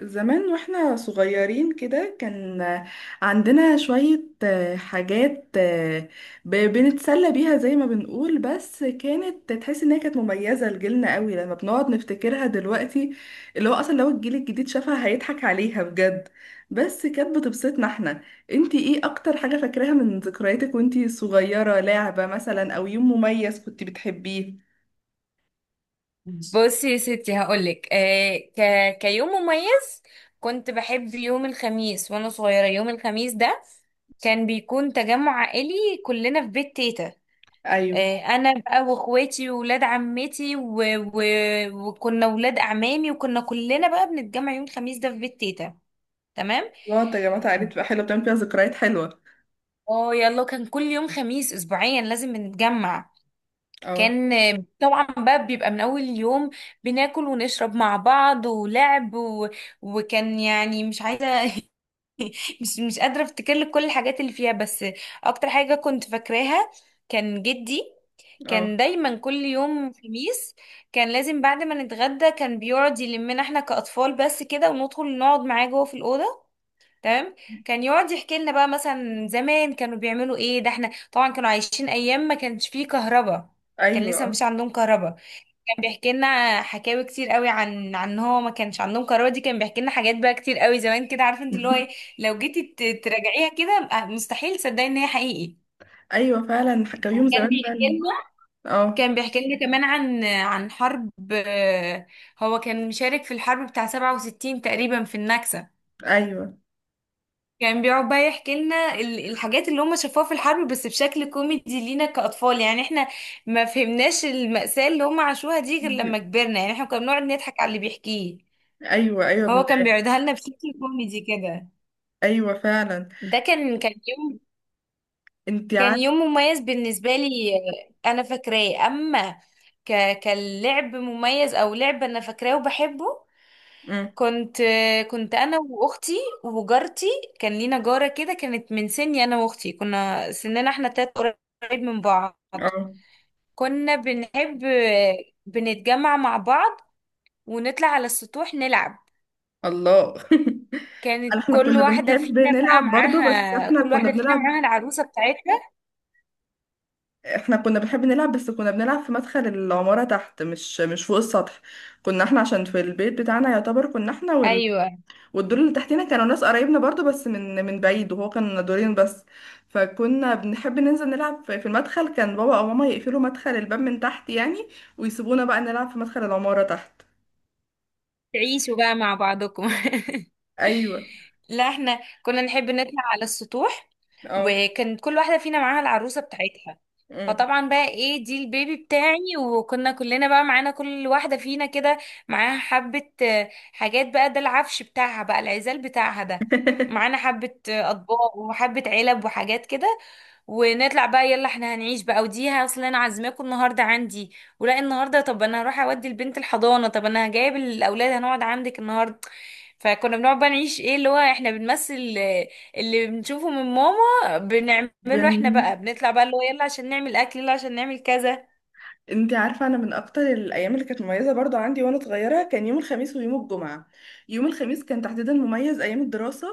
زمان واحنا صغيرين كده كان عندنا شوية حاجات بنتسلى بيها زي ما بنقول، بس كانت تحس انها كانت مميزة لجيلنا قوي لما بنقعد نفتكرها دلوقتي. اللي هو اصلا لو الجيل الجديد شافها هيضحك عليها بجد، بس كانت بتبسطنا احنا. انتي ايه اكتر حاجة فاكراها من ذكرياتك وانتي صغيرة؟ لعبة مثلا او يوم مميز كنت بتحبيه؟ بصي يا ستي، هقولك كيوم مميز، كنت بحب يوم الخميس وانا صغيرة. يوم الخميس ده كان بيكون تجمع عائلي، كلنا في بيت تيتا. ايوه. انا بقى واخواتي وولاد عمتي و... وكنا ولاد اعمامي، وكنا كلنا بقى بنتجمع يوم الخميس ده في بيت تيتا، تمام. الله يا جماعة، عائلة بقى حلوة بتعمل فيها ذكريات حلوة. اه يلا، كان كل يوم خميس اسبوعيا لازم نتجمع. اه. كان طبعا بقى بيبقى من اول يوم بناكل ونشرب مع بعض ولعب وكان، يعني، مش عايزه مش قادره افتكر لك كل الحاجات اللي فيها، بس اكتر حاجه كنت فاكراها كان جدي. كان اه. دايما كل يوم خميس، كان لازم بعد ما نتغدى كان بيقعد يلمنا احنا كأطفال بس كده، وندخل نقعد معاه جوه في الأوضة، تمام. كان يقعد يحكي لنا بقى مثلا زمان كانوا بيعملوا ايه. ده احنا طبعا كانوا عايشين ايام ما كانش فيه كهرباء، كان ايوه. لسه اه. مفيش عندهم كهرباء. كان بيحكي لنا حكاوي كتير قوي عن إن هو ما كانش عندهم كهرباء دي، كان بيحكي لنا حاجات بقى كتير قوي زمان كده، عارفه انت اللي هو ايه. لو جيتي تراجعيها كده، مستحيل تصدقي ان هي حقيقي. ايوه فعلا، كان يوم وكان زمان بيحكي فعلا. لنا اه. كان بيحكي لنا كمان عن حرب، هو كان مشارك في الحرب بتاع 67 تقريبا، في النكسة. ايوه كان بيقعد بقى يحكي لنا الحاجات اللي هم شافوها في الحرب، بس بشكل كوميدي لينا كأطفال. يعني احنا ما فهمناش المأساة اللي هم عاشوها دي غير لما كبرنا. يعني احنا كنا بنقعد نضحك على اللي بيحكيه، ايوه. ايوه هو ابن-. كان بيقعدها لنا بشكل كوميدي كده. ايوه فعلا. ده كان كان يوم انت كان عارفه. يوم مميز بالنسبة لي. انا فاكراه. اما كاللعب مميز او لعب، انا فاكراه وبحبه. أمم. كنت كنت انا واختي وجارتي. كان لينا جاره كده كانت من سني، انا واختي كنا سننا احنا تلات قريب من بعض. اه. كنا بنحب بنتجمع مع بعض، ونطلع على السطوح نلعب. الله. كانت احنا كنا بنحب نلعب برضه، بس احنا كل كنا واحده فينا بنلعب. معاها العروسه بتاعتها. احنا كنا بنحب نلعب، بس كنا بنلعب في مدخل العمارة تحت، مش فوق السطح. كنا احنا عشان في البيت بتاعنا يعتبر كنا احنا، ايوه، والدور اللي تحتنا كانوا ناس قرايبنا برضو، بس من بعيد، وهو كان دورين بس. فكنا بنحب ننزل نلعب في المدخل. كان بابا او ماما يقفلوا مدخل الباب من تحت يعني، ويسيبونا بقى نلعب في مدخل العمارة تحت. تعيشوا بقى مع بعضكم ايوه. لا احنا كنا نحب نطلع على السطوح، اه. وكان كل واحدة فينا معاها العروسة بتاعتها. أمم. فطبعا بقى ايه، دي البيبي بتاعي. وكنا كلنا بقى معانا، كل واحدة فينا كده معاها حبة حاجات بقى، ده العفش بتاعها بقى، العزال بتاعها ده. معانا حبة أطباق وحبة علب وحاجات كده. ونطلع بقى يلا احنا هنعيش بقى، ودي اصل انا عازماكم النهارده عندي ولا النهارده، طب انا هروح اودي البنت الحضانه، طب انا جايب الاولاد هنقعد عندك النهارده. فكنا بنقعد بقى نعيش، ايه اللي هو، احنا بنمثل اللي بنشوفه من ماما بنعمله احنا بن... بقى. بنطلع بقى اللي هو يلا عشان نعمل اكل، يلا عشان نعمل كذا. انت عارفة، انا من اكتر الايام اللي كانت مميزة برضو عندي وانا صغيرة كان يوم الخميس ويوم الجمعة. يوم الخميس كان تحديدا مميز ايام الدراسة،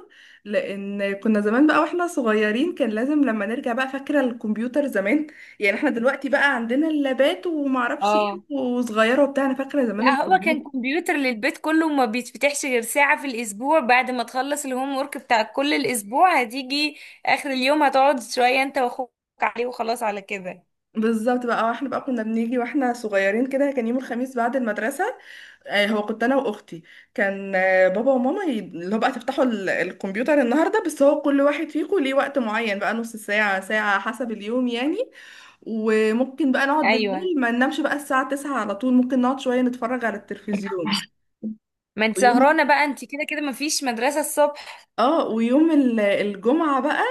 لان كنا زمان بقى واحنا صغيرين كان لازم لما نرجع بقى، فاكرة الكمبيوتر زمان؟ يعني احنا دلوقتي بقى عندنا اللابات ومعرفش ايه اه، وصغيرة وبتاع، انا فاكرة زمان لا هو كان الكمبيوتر. كمبيوتر للبيت كله وما بيتفتحش غير ساعة في الأسبوع، بعد ما تخلص الهوم ورك بتاع كل الأسبوع هتيجي آخر اليوم هتقعد شوية أنت وأخوك عليه، وخلاص على كده. بالظبط بقى، واحنا بقى كنا بنيجي واحنا صغيرين كده كان يوم الخميس بعد المدرسة. هو كنت انا واختي، كان بابا وماما اللي هو بقى تفتحوا الكمبيوتر النهارده، بس هو كل واحد فيكم ليه وقت معين بقى، نص ساعة ساعة حسب اليوم يعني. وممكن بقى نقعد أيوة، بالليل ما ننامش بقى الساعة 9 على طول، ممكن نقعد شوية نتفرج على التلفزيون. ما أنت ويوم سهرانة بقى، أنت كده كده مفيش مدرسة الصبح. اه، ويوم الجمعة بقى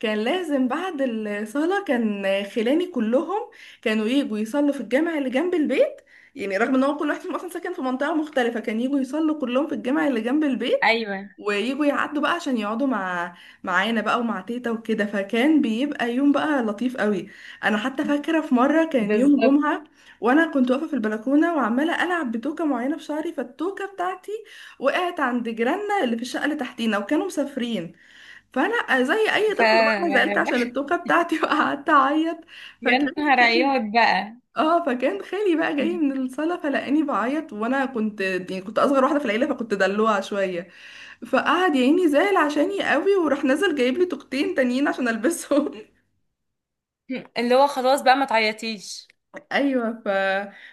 كان لازم بعد الصلاة، كان خلاني كلهم كانوا يجوا يصلوا في الجامع اللي جنب البيت، يعني رغم ان هو كل واحد فيهم اصلا ساكن في منطقة مختلفة كان يجوا يصلوا كلهم في الجامع اللي جنب البيت، أيوة ويجوا يعدوا بقى عشان يقعدوا مع معانا بقى ومع تيتا وكده، فكان بيبقى يوم بقى لطيف قوي. انا حتى فاكرة في مرة كان يوم بالظبط، جمعة وانا كنت واقفة في البلكونة وعمالة العب بتوكة معينة في شعري، فالتوكة بتاعتي وقعت عند جيراننا اللي في الشقة اللي تحتينا، وكانوا مسافرين. فأنا زي أي ف طفل بقى أنا زعلت عشان التوكة بتاعتي وقعدت أعيط. يا فكان نهار خالي، عياط بقى، اه، فكان خالي بقى جاي من الصالة فلقاني بعيط، وأنا كنت يعني كنت أصغر واحدة في العيلة فكنت دلوعة شوية، فقعد يا عيني زعل عشاني قوي، وراح نزل جايب لي توكتين تانيين عشان ألبسهم. اللي هو خلاص بقى ما تعيطيش. ايوه.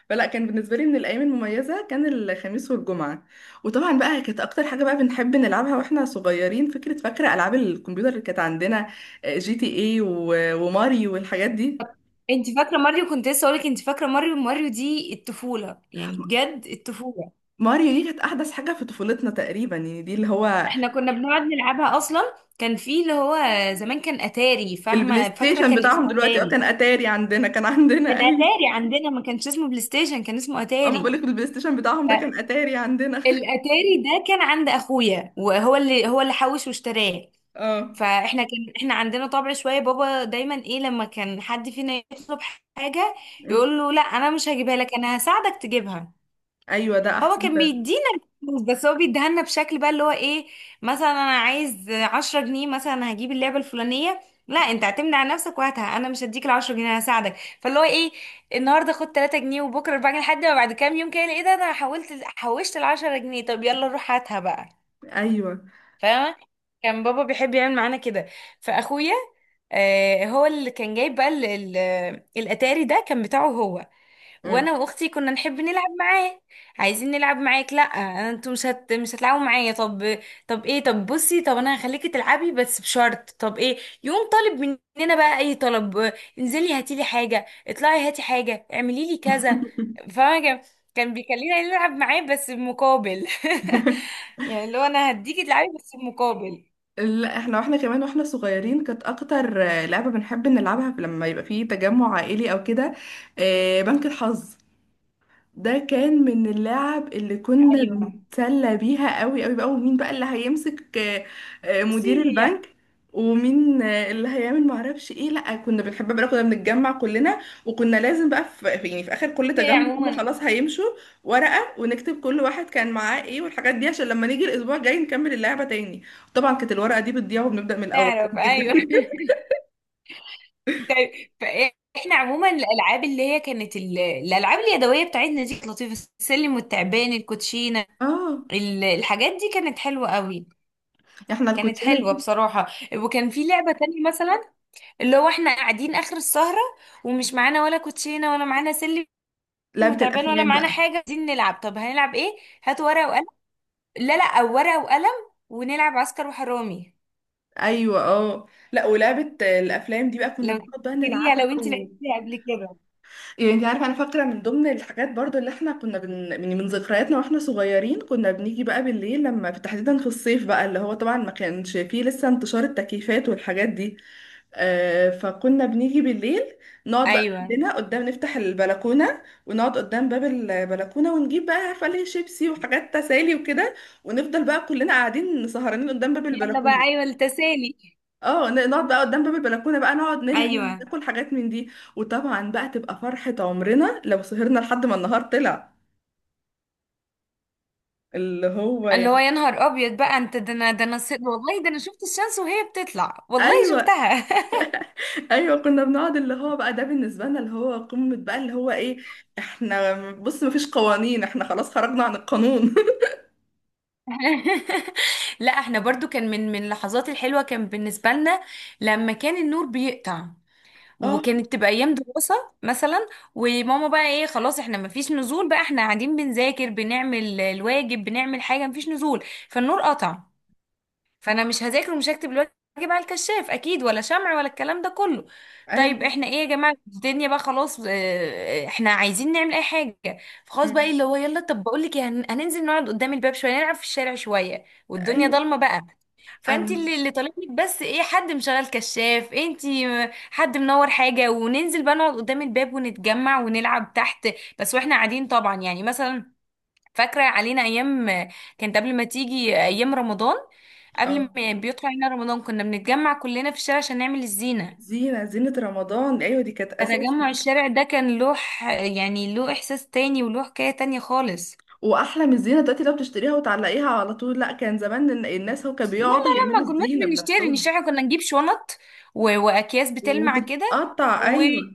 فلا، كان بالنسبه لي من الايام المميزه كان الخميس والجمعه. وطبعا بقى كانت اكتر حاجه بقى بنحب نلعبها واحنا صغيرين، فاكره العاب الكمبيوتر اللي كانت عندنا؟ جي تي اي و... وماريو والحاجات دي. انت فاكره ماريو؟ كنت لسه اقولك، انت فاكره ماريو؟ ماريو دي الطفوله، يعني بجد الطفوله. ماريو دي كانت احدث حاجه في طفولتنا تقريبا، يعني دي اللي هو احنا كنا بنقعد نلعبها اصلا. كان في اللي هو زمان كان اتاري، البلاي فاهمه، فاكره، ستيشن كان بتاعهم اسمه دلوقتي. اه اتاري. كان اتاري عندنا، كان عندنا. كان ايوه. اتاري عندنا، ما كانش اسمه بلاي ستيشن، كان اسمه اما بقول اتاري. لك البلاي ستيشن بتاعهم ده كان اتاري عندنا. فالاتاري ده كان عند اخويا، وهو اللي هو اللي حوش واشتراه. اه. فاحنا كان احنا عندنا طبع شويه، بابا دايما ايه لما كان حد فينا يطلب حاجه أمم. يقول له: لا انا مش هجيبها لك، انا هساعدك تجيبها. ايوه ده هو احسن كان فعلا. بيدينا الفلوس، بس هو بيديها لنا بشكل بقى اللي هو ايه. مثلا: انا عايز 10 جنيه مثلا هجيب اللعبه الفلانيه. لا انت اعتمد على نفسك وهاتها، انا مش هديك ال 10 جنيه، انا هساعدك. فاللي هو ايه: النهارده خد 3 جنيه، وبكره 4 جنيه، لحد ما بعد كام يوم كده ايه ده، انا حولت حوشت ال 10 جنيه، طب يلا روح هاتها بقى. ايوه. فاهمة؟ كان بابا بيحب يعمل معانا كده. فاخويا هو اللي كان جايب بقى الاتاري ده كان بتاعه هو. وانا واختي كنا نحب نلعب معاه. عايزين نلعب معاك؟ لا، انتوا مش هتلعبوا معايا. طب، طب ايه؟ طب بصي، طب انا هخليكي تلعبي بس بشرط. طب ايه؟ يقوم طالب مننا بقى اي طلب: انزلي هاتي لي حاجه، اطلعي هاتي حاجه، اعملي لي كذا. فاهمه كان بيخلينا نلعب معاه بس بمقابل يعني اللي هو انا هديكي تلعبي بس بمقابل. لا احنا، واحنا كمان واحنا صغيرين، كانت اكتر لعبة بنحب نلعبها لما يبقى فيه تجمع عائلي او كده، بنك الحظ. ده كان من اللعب اللي كنا ايوه، بنتسلى بيها قوي قوي بقى. ومين بقى اللي هيمسك بصي، مدير هي البنك؟ ومين اللي هيعمل معرفش ايه. لا كنا بنحب بقى كنا بنتجمع كلنا، وكنا لازم بقى يعني في اخر كل هي تجمع هم عموما خلاص هيمشوا ورقة ونكتب كل واحد كان معاه ايه والحاجات دي، عشان لما نيجي الاسبوع الجاي نكمل اللعبة تاني. طبعا كانت الورقة دي بتضيع وبنبدأ من الاول نعرف، عادي جدا. ايوه طيب، فاحنا عموما الالعاب اللي هي كانت الالعاب اليدويه بتاعتنا دي كانت لطيفه: السلم والتعبان، الكوتشينه، اه. الحاجات دي كانت حلوه قوي، احنا كانت الكوتشينة حلوه دي. بصراحه. وكان في لعبه تانية مثلا، اللي هو احنا قاعدين اخر السهره ومش معانا ولا كوتشينه ولا معانا سلم لعبة وتعبان ولا الافلام معانا بقى. حاجه، عايزين نلعب. طب هنلعب ايه؟ هاتوا ورقه وقلم، لا لا، او ورقه وقلم، ونلعب عسكر وحرامي. ايوه اه. لا ولعبه الافلام دي بقى كنا لو بنقعد بقى تفتكريها، لو نلعبها انت و... لعبتيها قبل كده. يعني انت عارفه، انا فاكره من ضمن الحاجات برضو اللي احنا كنا من من ذكرياتنا واحنا صغيرين، كنا بنيجي بقى بالليل لما تحديدا في الصيف بقى، اللي هو طبعا ما كانش فيه لسه انتشار التكييفات والحاجات دي. آه، فكنا بنيجي بالليل نقعد بقى ايوه، كلنا قدام، نفتح البلكونه ونقعد قدام باب البلكونه ونجيب بقى عارفه ليه شيبسي وحاجات تسالي وكده، ونفضل بقى كلنا قاعدين سهرانين قدام باب يلا بقى، البلكونه. ايوه التسالي. اه، نقعد بقى قدام باب البلكونه بقى، نقعد نرغي، ايوه، ناكل حاجات من دي. وطبعا بقى تبقى فرحه عمرنا لو سهرنا لحد ما النهار طلع، اللي هو اللي هو يعني. يا نهار ابيض بقى، انت ده، انا ده، انا والله ده انا شفت الشمس وهي بتطلع، والله ايوه. شفتها ايوه كنا بنقعد اللي هو بقى، ده بالنسبه لنا اللي هو قمه بقى، اللي هو ايه، احنا بص مفيش قوانين، احنا خلاص خرجنا عن القانون. لا احنا برضو كان من اللحظات الحلوة كان بالنسبة لنا لما كان النور بيقطع، اه. وكانت تبقى ايام دراسة مثلا، وماما بقى ايه خلاص احنا مفيش نزول بقى، احنا قاعدين بنذاكر بنعمل الواجب بنعمل حاجة، مفيش نزول. فالنور قطع، فانا مش هذاكر ومش هكتب الواجب على الكشاف اكيد، ولا شمع ولا الكلام ده كله. طيب ايوه. احنا ايه يا جماعه، الدنيا بقى خلاص احنا عايزين نعمل اي حاجه. فخلاص بقى إيه، أمم. اللي هو يلا، طب بقول لك إيه، هننزل نقعد قدام الباب شويه، نلعب في الشارع شويه والدنيا ايوه ضلمه بقى. فانت انا. اللي طالب لك بس ايه، حد مشغل كشاف انت، حد منور حاجه، وننزل بقى نقعد قدام الباب ونتجمع ونلعب تحت. بس واحنا قاعدين طبعا، يعني مثلا، فاكرة علينا أيام كانت قبل ما تيجي أيام رمضان. اه. قبل ما بيطلع علينا رمضان كنا بنتجمع كلنا في الشارع عشان نعمل الزينة. زينة، زينة رمضان، ايوه دي كانت اساسي. فتجمع الشارع ده كان له يعني له إحساس تاني وله حكاية تانية خالص. واحلى من الزينة دلوقتي لو بتشتريها وتعلقيها على طول. لا كان زمان الناس هو كانوا بيقعدوا يعملوا ما كناش الزينة بنشتري، بنفسهم. كنا نجيب شنط وأكياس بتلمع كده، وتتقطع، ايوه.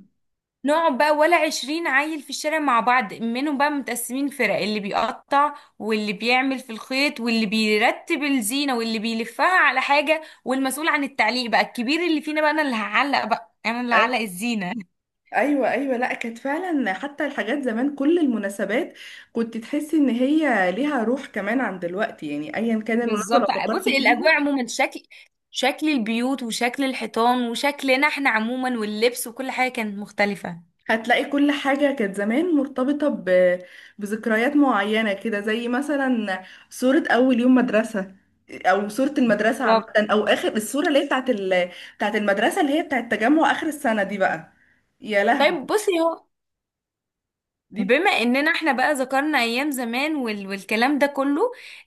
نقعد بقى ولا عشرين عيل في الشارع مع بعض، منهم بقى متقسمين فرق، اللي بيقطع واللي بيعمل في الخيط واللي بيرتب الزينة واللي بيلفها على حاجة، والمسؤول عن التعليق بقى الكبير اللي فينا بقى، انا اللي هعلق بقى، انا اللي هعلق أي-. الزينة ايوه ايوه. لا كانت فعلا، حتى الحاجات زمان كل المناسبات كنت تحسي ان هي ليها روح كمان عن دلوقتي. يعني ايا كان المناسبه لو بالظبط، فكرتي بصي الاجواء فيها عموما، شكل البيوت وشكل الحيطان وشكلنا احنا عموما واللبس وكل حاجة كانت مختلفة. هتلاقي كل حاجه كانت زمان مرتبطه ب... بذكريات معينه كده، زي مثلا صوره اول يوم مدرسه، او صوره المدرسه عامه، بالظبط. او اخر الصوره اللي هي بتاعت المدرسه اللي هي بتاعت تجمع اخر السنه دي بقى. يا طيب لهوي. بصي، هو دي. بما اننا احنا بقى ذكرنا ايام زمان والكلام ده كله،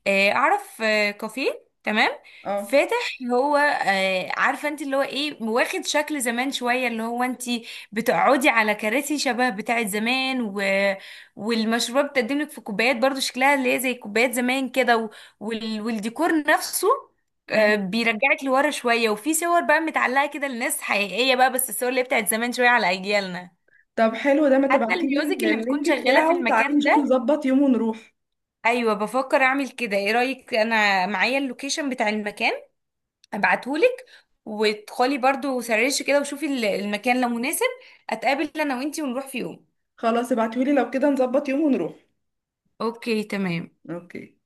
اعرف كافيه تمام، اه. فاتح، هو عارفه انت اللي هو ايه، واخد شكل زمان شويه، اللي هو انت بتقعدي على كراسي شبه بتاعه زمان والمشروبات بتقدم لك في كوبايات برضو شكلها اللي هي زي كوبايات زمان كده والديكور نفسه، إمم. بيرجعك لورا شويه. وفي صور بقى متعلقه كده لناس حقيقيه بقى، بس الصور اللي هي بتاعت زمان شويه على اجيالنا. طب حلو ده، ما حتى تبعتيلي الميوزك اللي بتكون اللينك شغالة في بتاعه، المكان تعالي نشوف ده. نظبط يوم ونروح. ايوه، بفكر اعمل كده. ايه رأيك؟ انا معايا اللوكيشن بتاع المكان، ابعتهولك. وادخلي برضو سرشي كده وشوفي المكان لو مناسب، اتقابل انا وانتي ونروح في يوم. خلاص ابعتيهولي، لو كده نظبط يوم ونروح. اوكي تمام. اوكي.